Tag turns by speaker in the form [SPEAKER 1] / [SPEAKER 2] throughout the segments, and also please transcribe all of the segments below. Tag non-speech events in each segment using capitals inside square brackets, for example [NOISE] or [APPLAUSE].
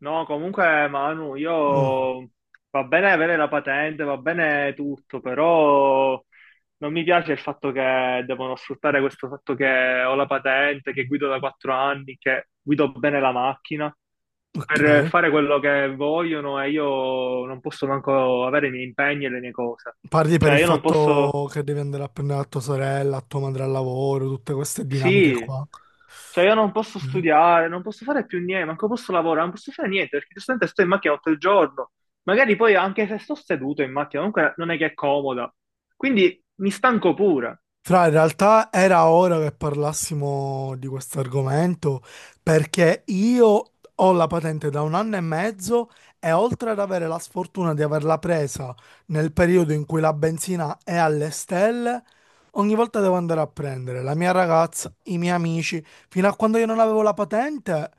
[SPEAKER 1] No, comunque Manu,
[SPEAKER 2] Mm,
[SPEAKER 1] io va bene avere la patente, va bene tutto, però non mi piace il fatto che devono sfruttare questo fatto che ho la patente, che guido da quattro anni, che guido bene la macchina
[SPEAKER 2] ok.
[SPEAKER 1] per fare quello che vogliono e io non posso manco avere i miei impegni e le mie cose.
[SPEAKER 2] Parli per
[SPEAKER 1] Cioè,
[SPEAKER 2] il
[SPEAKER 1] io non posso.
[SPEAKER 2] fatto che devi andare a prendere la tua sorella, la tua madre al lavoro, tutte queste dinamiche
[SPEAKER 1] Sì,
[SPEAKER 2] qua.
[SPEAKER 1] cioè io non posso
[SPEAKER 2] Ok.
[SPEAKER 1] studiare, non posso fare più niente, manco posso lavorare, non posso fare niente perché giustamente sto in macchina tutto il giorno. Magari poi anche se sto seduto in macchina, comunque non è che è comoda. Quindi mi stanco pure.
[SPEAKER 2] Fra, in realtà era ora che parlassimo di questo argomento perché io ho la patente da un anno e mezzo e oltre ad avere la sfortuna di averla presa nel periodo in cui la benzina è alle stelle, ogni volta devo andare a prendere la mia ragazza, i miei amici, fino a quando io non avevo la patente.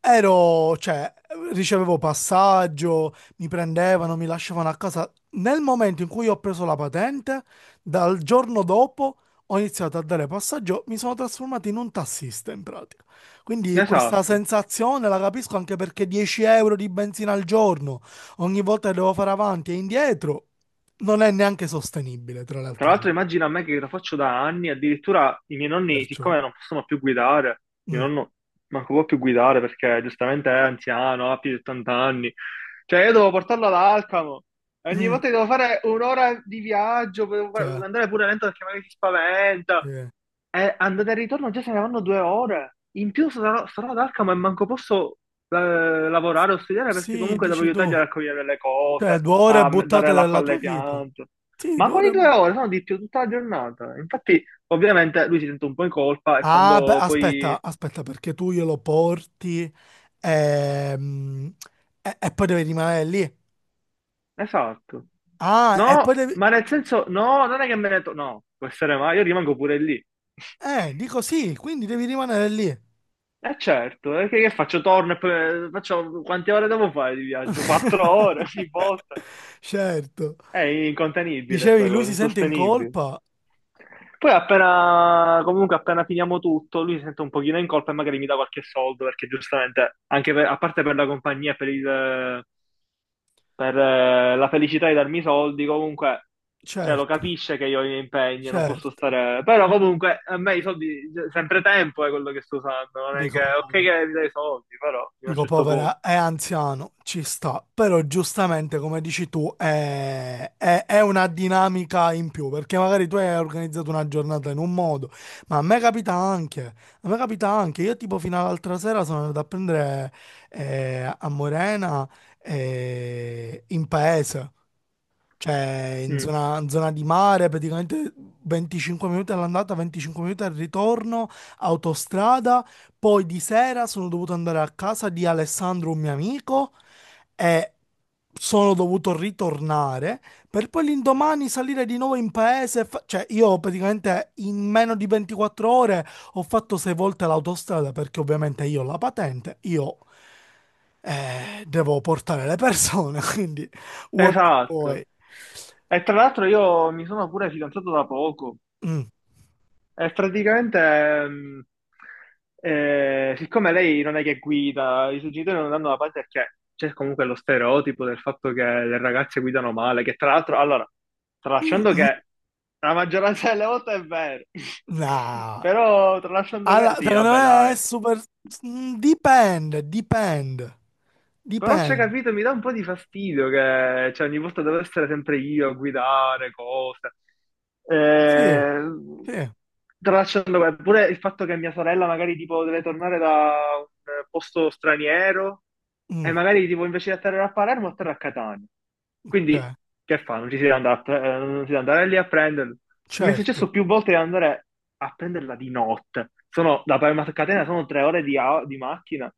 [SPEAKER 2] Ero, cioè, ricevevo passaggio, mi prendevano, mi lasciavano a casa. Nel momento in cui ho preso la patente, dal giorno dopo ho iniziato a dare passaggio, mi sono trasformato in un tassista in pratica. Quindi questa
[SPEAKER 1] Esatto.
[SPEAKER 2] sensazione la capisco anche perché 10 euro di benzina al giorno, ogni volta che devo fare avanti e indietro, non è neanche sostenibile, tra le
[SPEAKER 1] Tra
[SPEAKER 2] altre cose.
[SPEAKER 1] l'altro immagina a me che lo faccio da anni, addirittura i miei nonni,
[SPEAKER 2] Perciò,
[SPEAKER 1] siccome non possono più guidare, mio
[SPEAKER 2] mm,
[SPEAKER 1] nonno manco può più guidare perché giustamente è anziano, ha più di 80 anni, cioè io devo portarlo ad Alcamo, e ogni
[SPEAKER 2] mm,
[SPEAKER 1] volta che devo fare un'ora di viaggio,
[SPEAKER 2] cioè,
[SPEAKER 1] andare pure lento perché magari si spaventa,
[SPEAKER 2] eh.
[SPEAKER 1] andata e ritorno già saranno due ore. In più sarò ad Alcamo e manco posso eh, lavorare o studiare perché
[SPEAKER 2] Sì,
[SPEAKER 1] comunque devo
[SPEAKER 2] dici
[SPEAKER 1] aiutargli
[SPEAKER 2] tu,
[SPEAKER 1] a raccogliere le
[SPEAKER 2] cioè,
[SPEAKER 1] cose,
[SPEAKER 2] 2 ore buttate
[SPEAKER 1] dare l'acqua
[SPEAKER 2] della tua
[SPEAKER 1] alle
[SPEAKER 2] vita.
[SPEAKER 1] piante.
[SPEAKER 2] Sì,
[SPEAKER 1] Ma
[SPEAKER 2] due
[SPEAKER 1] quali
[SPEAKER 2] ore.
[SPEAKER 1] due ore? Sono di più tutta la giornata. Infatti, ovviamente, lui si sente un po' in colpa e
[SPEAKER 2] Ah, beh,
[SPEAKER 1] quando poi...
[SPEAKER 2] aspetta, aspetta, perché tu glielo porti ehm, e poi devi rimanere lì.
[SPEAKER 1] Esatto.
[SPEAKER 2] Ah, e poi
[SPEAKER 1] No,
[SPEAKER 2] devi.
[SPEAKER 1] ma nel senso, no, non è che me ne... No, può essere mai, io rimango pure lì.
[SPEAKER 2] Dico sì, quindi devi rimanere lì.
[SPEAKER 1] Eh certo, che faccio? Torno e poi faccio quante ore devo fare di viaggio? Quattro ore [LAUGHS] ogni volta.
[SPEAKER 2] [LAUGHS] Certo.
[SPEAKER 1] È incontenibile
[SPEAKER 2] Dicevi,
[SPEAKER 1] sta
[SPEAKER 2] lui
[SPEAKER 1] cosa,
[SPEAKER 2] si sente in
[SPEAKER 1] insostenibile.
[SPEAKER 2] colpa?
[SPEAKER 1] Poi appena, comunque appena finiamo tutto, lui si sente un pochino in colpa e magari mi dà qualche soldo, perché giustamente, anche a parte per la compagnia, e per, la felicità di darmi i soldi, comunque, cioè, lo
[SPEAKER 2] Certo,
[SPEAKER 1] capisce che io ho i miei impegni, non posso
[SPEAKER 2] certo.
[SPEAKER 1] stare... Però comunque, a me i soldi, cioè, sempre tempo è quello che sto usando, non è che,
[SPEAKER 2] Dico...
[SPEAKER 1] ok che mi dai i soldi, però, fino a un
[SPEAKER 2] Dico,
[SPEAKER 1] certo punto.
[SPEAKER 2] povera, è anziano, ci sta, però giustamente, come dici tu, è una dinamica in più, perché magari tu hai organizzato una giornata in un modo, ma a me capita anche, io tipo fino all'altra sera sono andato a prendere a Morena in paese. Cioè,
[SPEAKER 1] Mm.
[SPEAKER 2] in zona di mare, praticamente 25 minuti all'andata, 25 minuti al ritorno, autostrada. Poi di sera sono dovuto andare a casa di Alessandro, un mio amico, e sono dovuto ritornare per poi l'indomani salire di nuovo in paese. Cioè, io praticamente in meno di 24 ore ho fatto sei volte l'autostrada perché ovviamente io ho la patente, io devo portare le persone, [LAUGHS] quindi vuoi non
[SPEAKER 1] Esatto.
[SPEAKER 2] vuoi.
[SPEAKER 1] E tra l'altro io mi sono pure fidanzato da poco.
[SPEAKER 2] Mm,
[SPEAKER 1] E praticamente, siccome lei non è che guida, i suoi genitori non danno la parte perché c'è comunque lo stereotipo del fatto che le ragazze guidano male, che tra l'altro, allora,
[SPEAKER 2] mm,
[SPEAKER 1] tralasciando
[SPEAKER 2] mm,
[SPEAKER 1] che la maggioranza delle volte è vero, [LAUGHS]
[SPEAKER 2] no.
[SPEAKER 1] però tralasciando sì,
[SPEAKER 2] Secondo
[SPEAKER 1] vabbè,
[SPEAKER 2] me è
[SPEAKER 1] dai.
[SPEAKER 2] super... Dipende, dipende,
[SPEAKER 1] Però c'è
[SPEAKER 2] dipende.
[SPEAKER 1] capito, mi dà un po' di fastidio che cioè, ogni volta devo essere sempre io a guidare cose.
[SPEAKER 2] Sì,
[SPEAKER 1] Eh,
[SPEAKER 2] sì.
[SPEAKER 1] tracciando web. Pure il fatto che mia sorella magari tipo deve tornare da un posto straniero e
[SPEAKER 2] Mm,
[SPEAKER 1] magari tipo invece di atterrare a Palermo atterra a Catania. Quindi
[SPEAKER 2] cioè,
[SPEAKER 1] che fa? Non ci si deve andare, non si deve andare lì a prenderlo. Mi è
[SPEAKER 2] certo,
[SPEAKER 1] successo più volte di andare a prenderla di notte. Da Palermo a Catania sono tre ore di macchina.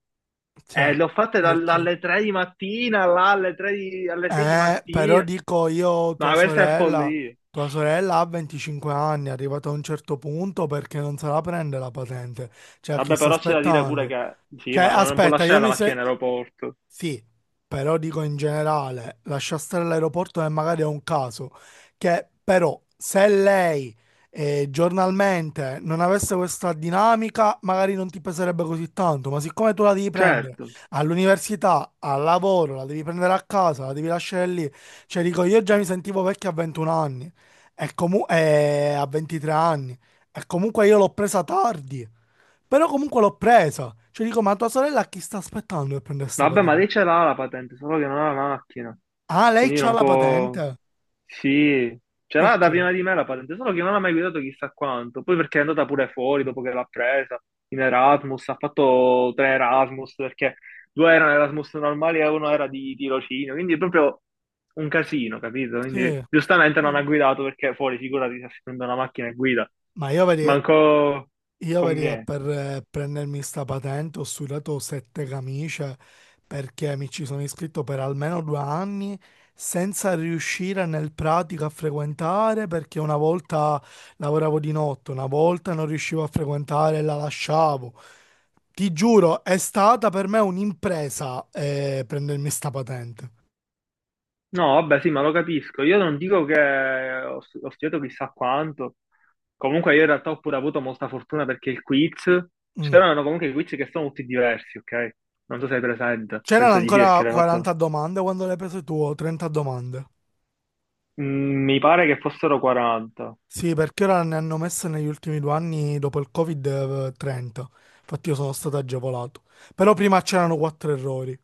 [SPEAKER 2] cioè,
[SPEAKER 1] L'ho fatta
[SPEAKER 2] questo-
[SPEAKER 1] dalle 3 di mattina, là alle 6 di
[SPEAKER 2] Però
[SPEAKER 1] mattina.
[SPEAKER 2] dico io,
[SPEAKER 1] Ma questa è follia.
[SPEAKER 2] tua sorella ha 25 anni, è arrivata a un certo punto perché non se la prende la patente. Cioè, chi
[SPEAKER 1] Vabbè,
[SPEAKER 2] sta
[SPEAKER 1] però c'è da dire pure
[SPEAKER 2] aspettando?
[SPEAKER 1] che sì,
[SPEAKER 2] Cioè,
[SPEAKER 1] ma non può
[SPEAKER 2] aspetta,
[SPEAKER 1] lasciare
[SPEAKER 2] io
[SPEAKER 1] la
[SPEAKER 2] mi
[SPEAKER 1] macchina
[SPEAKER 2] se...
[SPEAKER 1] in aeroporto.
[SPEAKER 2] Sì, però dico in generale, lascia stare l'aeroporto e magari è un caso, che però se lei giornalmente non avesse questa dinamica, magari non ti peserebbe così tanto, ma siccome tu la devi prendere
[SPEAKER 1] Certo.
[SPEAKER 2] all'università, al lavoro, la devi prendere a casa, la devi lasciare lì, cioè dico io già mi sentivo vecchio a 21 anni, e a 23 anni, e comunque io l'ho presa tardi. Però comunque l'ho presa. Cioè dico, ma tua sorella a chi sta aspettando per prendere sta
[SPEAKER 1] Vabbè, ma
[SPEAKER 2] patente?
[SPEAKER 1] lei ce l'ha la patente, solo che non ha la macchina.
[SPEAKER 2] Ah, lei
[SPEAKER 1] Quindi
[SPEAKER 2] c'ha
[SPEAKER 1] non
[SPEAKER 2] la
[SPEAKER 1] può.
[SPEAKER 2] patente?
[SPEAKER 1] Sì, ce l'ha
[SPEAKER 2] Ok.
[SPEAKER 1] da prima di me la patente, solo che non ha mai guidato chissà quanto. Poi perché è andata pure fuori dopo che l'ha presa in Erasmus, ha fatto tre Erasmus perché due erano Erasmus normali e uno era di tirocinio, quindi è proprio un casino, capito? Quindi
[SPEAKER 2] Sì.
[SPEAKER 1] giustamente non ha
[SPEAKER 2] Mm.
[SPEAKER 1] guidato perché fuori, figurati, si è una macchina e guida,
[SPEAKER 2] Ma io vedi,
[SPEAKER 1] manco
[SPEAKER 2] Io vedi,
[SPEAKER 1] conviene.
[SPEAKER 2] per prendermi sta patente ho sudato sette camicie perché mi ci sono iscritto per almeno 2 anni senza riuscire nel pratico a frequentare perché una volta lavoravo di notte, una volta non riuscivo a frequentare e la lasciavo. Ti giuro, è stata per me un'impresa prendermi sta patente.
[SPEAKER 1] No, vabbè, sì, ma lo capisco. Io non dico che ho studiato chissà quanto. Comunque, io in realtà ho pure avuto molta fortuna perché il quiz.
[SPEAKER 2] Mm.
[SPEAKER 1] C'erano comunque i quiz che sono tutti diversi, ok? Non so se hai presente.
[SPEAKER 2] C'erano
[SPEAKER 1] Penso di sì, perché
[SPEAKER 2] ancora
[SPEAKER 1] l'hai
[SPEAKER 2] 40
[SPEAKER 1] fatto.
[SPEAKER 2] domande quando l'hai prese tu o 30 domande?
[SPEAKER 1] Mm, mi pare che fossero 40.
[SPEAKER 2] Sì, perché ora ne hanno messe negli ultimi 2 anni dopo il Covid-30. Infatti io sono stato agevolato. Però prima c'erano quattro errori.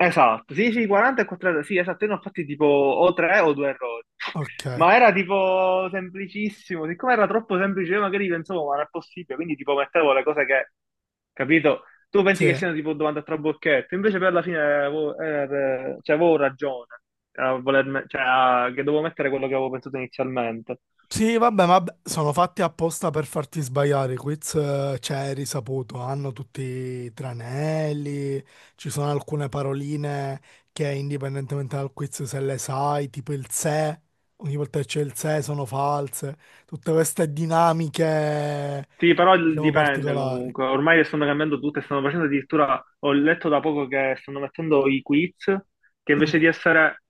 [SPEAKER 1] Esatto, sì, sì, 40 e 4 errori, sì, esatto, io ne ho fatti tipo o 3 o 2 errori,
[SPEAKER 2] Ok,
[SPEAKER 1] ma era tipo semplicissimo, siccome era troppo semplice io magari pensavo ma non è possibile, quindi tipo mettevo le cose che, capito, tu pensi che
[SPEAKER 2] sì.
[SPEAKER 1] siano tipo domande a trabocchetto, invece per la fine avevo, avevo ragione, a che dovevo mettere quello che avevo pensato inizialmente.
[SPEAKER 2] Sì, vabbè, sono fatti apposta per farti sbagliare. I quiz, cioè, è risaputo, hanno tutti i tranelli, ci sono alcune paroline che indipendentemente dal quiz se le sai, tipo il se, ogni volta che c'è il se sono false. Tutte queste dinamiche,
[SPEAKER 1] Sì, però
[SPEAKER 2] diciamo,
[SPEAKER 1] dipende
[SPEAKER 2] particolari.
[SPEAKER 1] comunque. Ormai le stanno cambiando tutte, stanno facendo addirittura, ho letto da poco che stanno mettendo i quiz, che invece
[SPEAKER 2] Mm.
[SPEAKER 1] di essere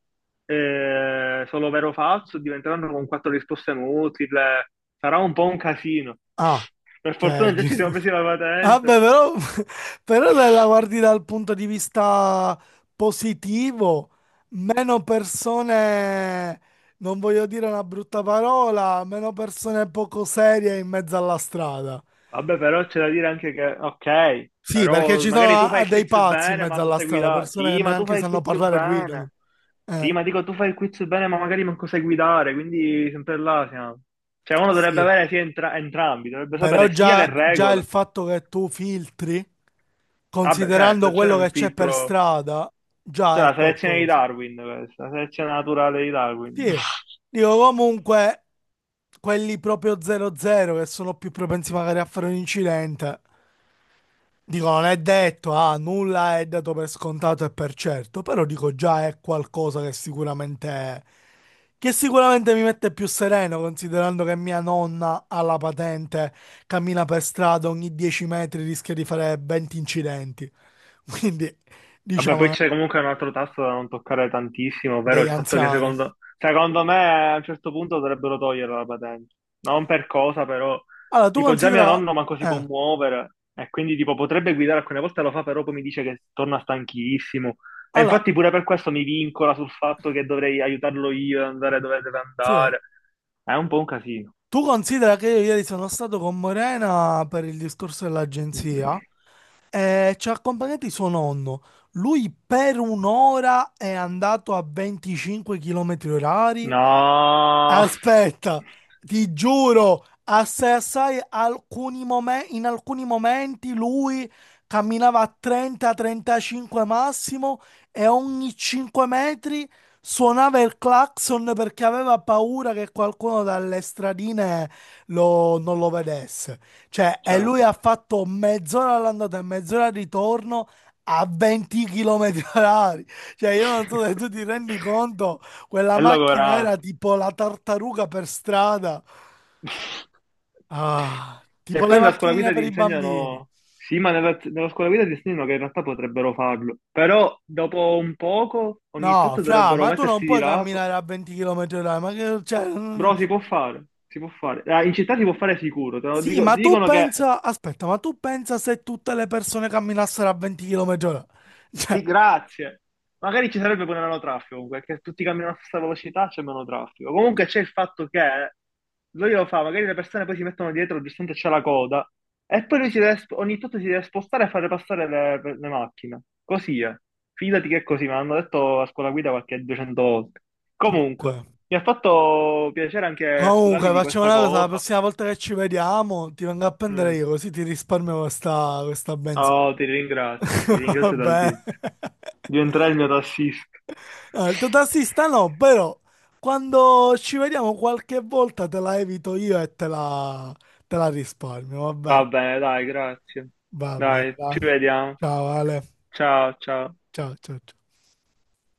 [SPEAKER 1] solo vero o falso, diventeranno con quattro risposte multiple. Sarà un po' un casino.
[SPEAKER 2] Ah,
[SPEAKER 1] Per
[SPEAKER 2] cioè,
[SPEAKER 1] fortuna già ci siamo presi
[SPEAKER 2] [LAUGHS]
[SPEAKER 1] la patente.
[SPEAKER 2] vabbè, [LAUGHS] però se la guardi dal punto di vista positivo, meno persone, non voglio dire una brutta parola, meno persone poco serie in mezzo alla strada.
[SPEAKER 1] Vabbè, però c'è da dire anche che, ok,
[SPEAKER 2] Sì, perché
[SPEAKER 1] però
[SPEAKER 2] ci sono
[SPEAKER 1] magari tu fai il
[SPEAKER 2] dei
[SPEAKER 1] quiz
[SPEAKER 2] pazzi in
[SPEAKER 1] bene, ma
[SPEAKER 2] mezzo
[SPEAKER 1] non
[SPEAKER 2] alla
[SPEAKER 1] segui
[SPEAKER 2] strada,
[SPEAKER 1] la...
[SPEAKER 2] persone che
[SPEAKER 1] Sì, ma tu
[SPEAKER 2] neanche
[SPEAKER 1] fai il
[SPEAKER 2] sanno
[SPEAKER 1] quiz
[SPEAKER 2] parlare e guidano.
[SPEAKER 1] bene. Sì,
[SPEAKER 2] Eh,
[SPEAKER 1] ma dico, tu fai il quiz bene, ma magari manco sai guidare, quindi sempre là siamo. Cioè, uno dovrebbe
[SPEAKER 2] sì,
[SPEAKER 1] avere entrambi, dovrebbe
[SPEAKER 2] però
[SPEAKER 1] sapere sia le
[SPEAKER 2] già, già il
[SPEAKER 1] regole.
[SPEAKER 2] fatto che tu filtri,
[SPEAKER 1] Vabbè, certo,
[SPEAKER 2] considerando
[SPEAKER 1] c'è
[SPEAKER 2] quello
[SPEAKER 1] un
[SPEAKER 2] che c'è per
[SPEAKER 1] filtro,
[SPEAKER 2] strada,
[SPEAKER 1] c'è
[SPEAKER 2] già
[SPEAKER 1] la
[SPEAKER 2] è
[SPEAKER 1] selezione di
[SPEAKER 2] qualcosa.
[SPEAKER 1] Darwin, questa, la selezione naturale di Darwin. [LAUGHS]
[SPEAKER 2] Sì, dico comunque quelli proprio 0-0 che sono più propensi magari a fare un incidente, dico non è detto, ah, nulla è dato per scontato e per certo, però dico già è qualcosa che sicuramente mi mette più sereno considerando che mia nonna ha la patente, cammina per strada ogni 10 metri rischia di fare 20 incidenti, [LAUGHS] quindi
[SPEAKER 1] Vabbè, poi
[SPEAKER 2] diciamo
[SPEAKER 1] c'è comunque un altro tasto da non toccare tantissimo, ovvero
[SPEAKER 2] degli
[SPEAKER 1] il fatto che
[SPEAKER 2] anziani.
[SPEAKER 1] secondo me a un certo punto dovrebbero togliere la patente. Non per cosa, però,
[SPEAKER 2] Allora tu
[SPEAKER 1] tipo già mio
[SPEAKER 2] considera...
[SPEAKER 1] nonno manco si può
[SPEAKER 2] Eh,
[SPEAKER 1] muovere e quindi tipo potrebbe guidare, alcune volte lo fa, però poi mi dice che torna stanchissimo. E
[SPEAKER 2] allora,
[SPEAKER 1] infatti pure per questo mi vincola sul fatto che dovrei aiutarlo io ad andare dove deve
[SPEAKER 2] sì.
[SPEAKER 1] andare. È un po' un casino.
[SPEAKER 2] Tu considera che io ieri sono stato con Morena per il discorso dell'agenzia
[SPEAKER 1] [CLEARS THROAT]
[SPEAKER 2] e ci ha accompagnati suo nonno. Lui per un'ora è andato a 25 km orari.
[SPEAKER 1] No,
[SPEAKER 2] Aspetta, ti giuro, a CSI in alcuni momenti lui camminava a 30-35 massimo e ogni 5 metri suonava il clacson perché aveva paura che qualcuno dalle stradine non lo vedesse. Cioè, e lui ha
[SPEAKER 1] certo.
[SPEAKER 2] fatto mezz'ora all'andata e mezz'ora al ritorno a 20 km orari. Cioè, io non so se tu ti rendi
[SPEAKER 1] [LAUGHS]
[SPEAKER 2] conto quella
[SPEAKER 1] È
[SPEAKER 2] macchina era
[SPEAKER 1] logorante.
[SPEAKER 2] tipo la tartaruga per strada.
[SPEAKER 1] [LAUGHS]
[SPEAKER 2] Ah,
[SPEAKER 1] E
[SPEAKER 2] tipo le
[SPEAKER 1] poi nella scuola
[SPEAKER 2] macchinine
[SPEAKER 1] guida ti
[SPEAKER 2] per i bambini.
[SPEAKER 1] insegnano, sì, ma nella scuola guida ti insegnano che in realtà potrebbero farlo, però dopo un poco, ogni
[SPEAKER 2] No,
[SPEAKER 1] tot
[SPEAKER 2] fra,
[SPEAKER 1] dovrebbero
[SPEAKER 2] ma tu non
[SPEAKER 1] mettersi di
[SPEAKER 2] puoi
[SPEAKER 1] lato,
[SPEAKER 2] camminare a 20 km orari, ma che, cioè, mm,
[SPEAKER 1] bro, si può fare, si può fare. Ah, in città si può fare sicuro, te lo
[SPEAKER 2] sì,
[SPEAKER 1] dico,
[SPEAKER 2] ma
[SPEAKER 1] ti
[SPEAKER 2] tu
[SPEAKER 1] dicono che
[SPEAKER 2] pensa, aspetta, ma tu pensa se tutte le persone camminassero a 20 km orari?
[SPEAKER 1] sì,
[SPEAKER 2] Cioè,
[SPEAKER 1] grazie. Magari ci sarebbe pure meno traffico, comunque, che tutti camminano alla stessa velocità, c'è meno traffico. Comunque c'è il fatto che lui lo fa, magari le persone poi si mettono dietro, giustamente c'è la coda, e poi lui ogni tanto si deve spostare e fare passare le macchine. Così è. Fidati che è così, me l'hanno detto a scuola guida qualche 200 volte. Comunque,
[SPEAKER 2] eh.
[SPEAKER 1] mi ha fatto piacere anche
[SPEAKER 2] Comunque,
[SPEAKER 1] sfogarmi di
[SPEAKER 2] facciamo
[SPEAKER 1] questa
[SPEAKER 2] una cosa, la
[SPEAKER 1] cosa.
[SPEAKER 2] prossima volta che ci vediamo ti vengo a prendere
[SPEAKER 1] Mm.
[SPEAKER 2] io, così ti risparmio questa, benzina.
[SPEAKER 1] Oh, ti
[SPEAKER 2] [LAUGHS]
[SPEAKER 1] ringrazio
[SPEAKER 2] Vabbè.
[SPEAKER 1] tantissimo. Diventerai il mio tassista.
[SPEAKER 2] No, il
[SPEAKER 1] [LAUGHS]
[SPEAKER 2] totassista no, però quando ci vediamo qualche volta te la evito io e te la risparmio,
[SPEAKER 1] Va bene, dai, grazie.
[SPEAKER 2] va bene,
[SPEAKER 1] Dai, ci
[SPEAKER 2] dai.
[SPEAKER 1] vediamo.
[SPEAKER 2] Ciao Ale,
[SPEAKER 1] Ciao, ciao.
[SPEAKER 2] ciao ciao ciao.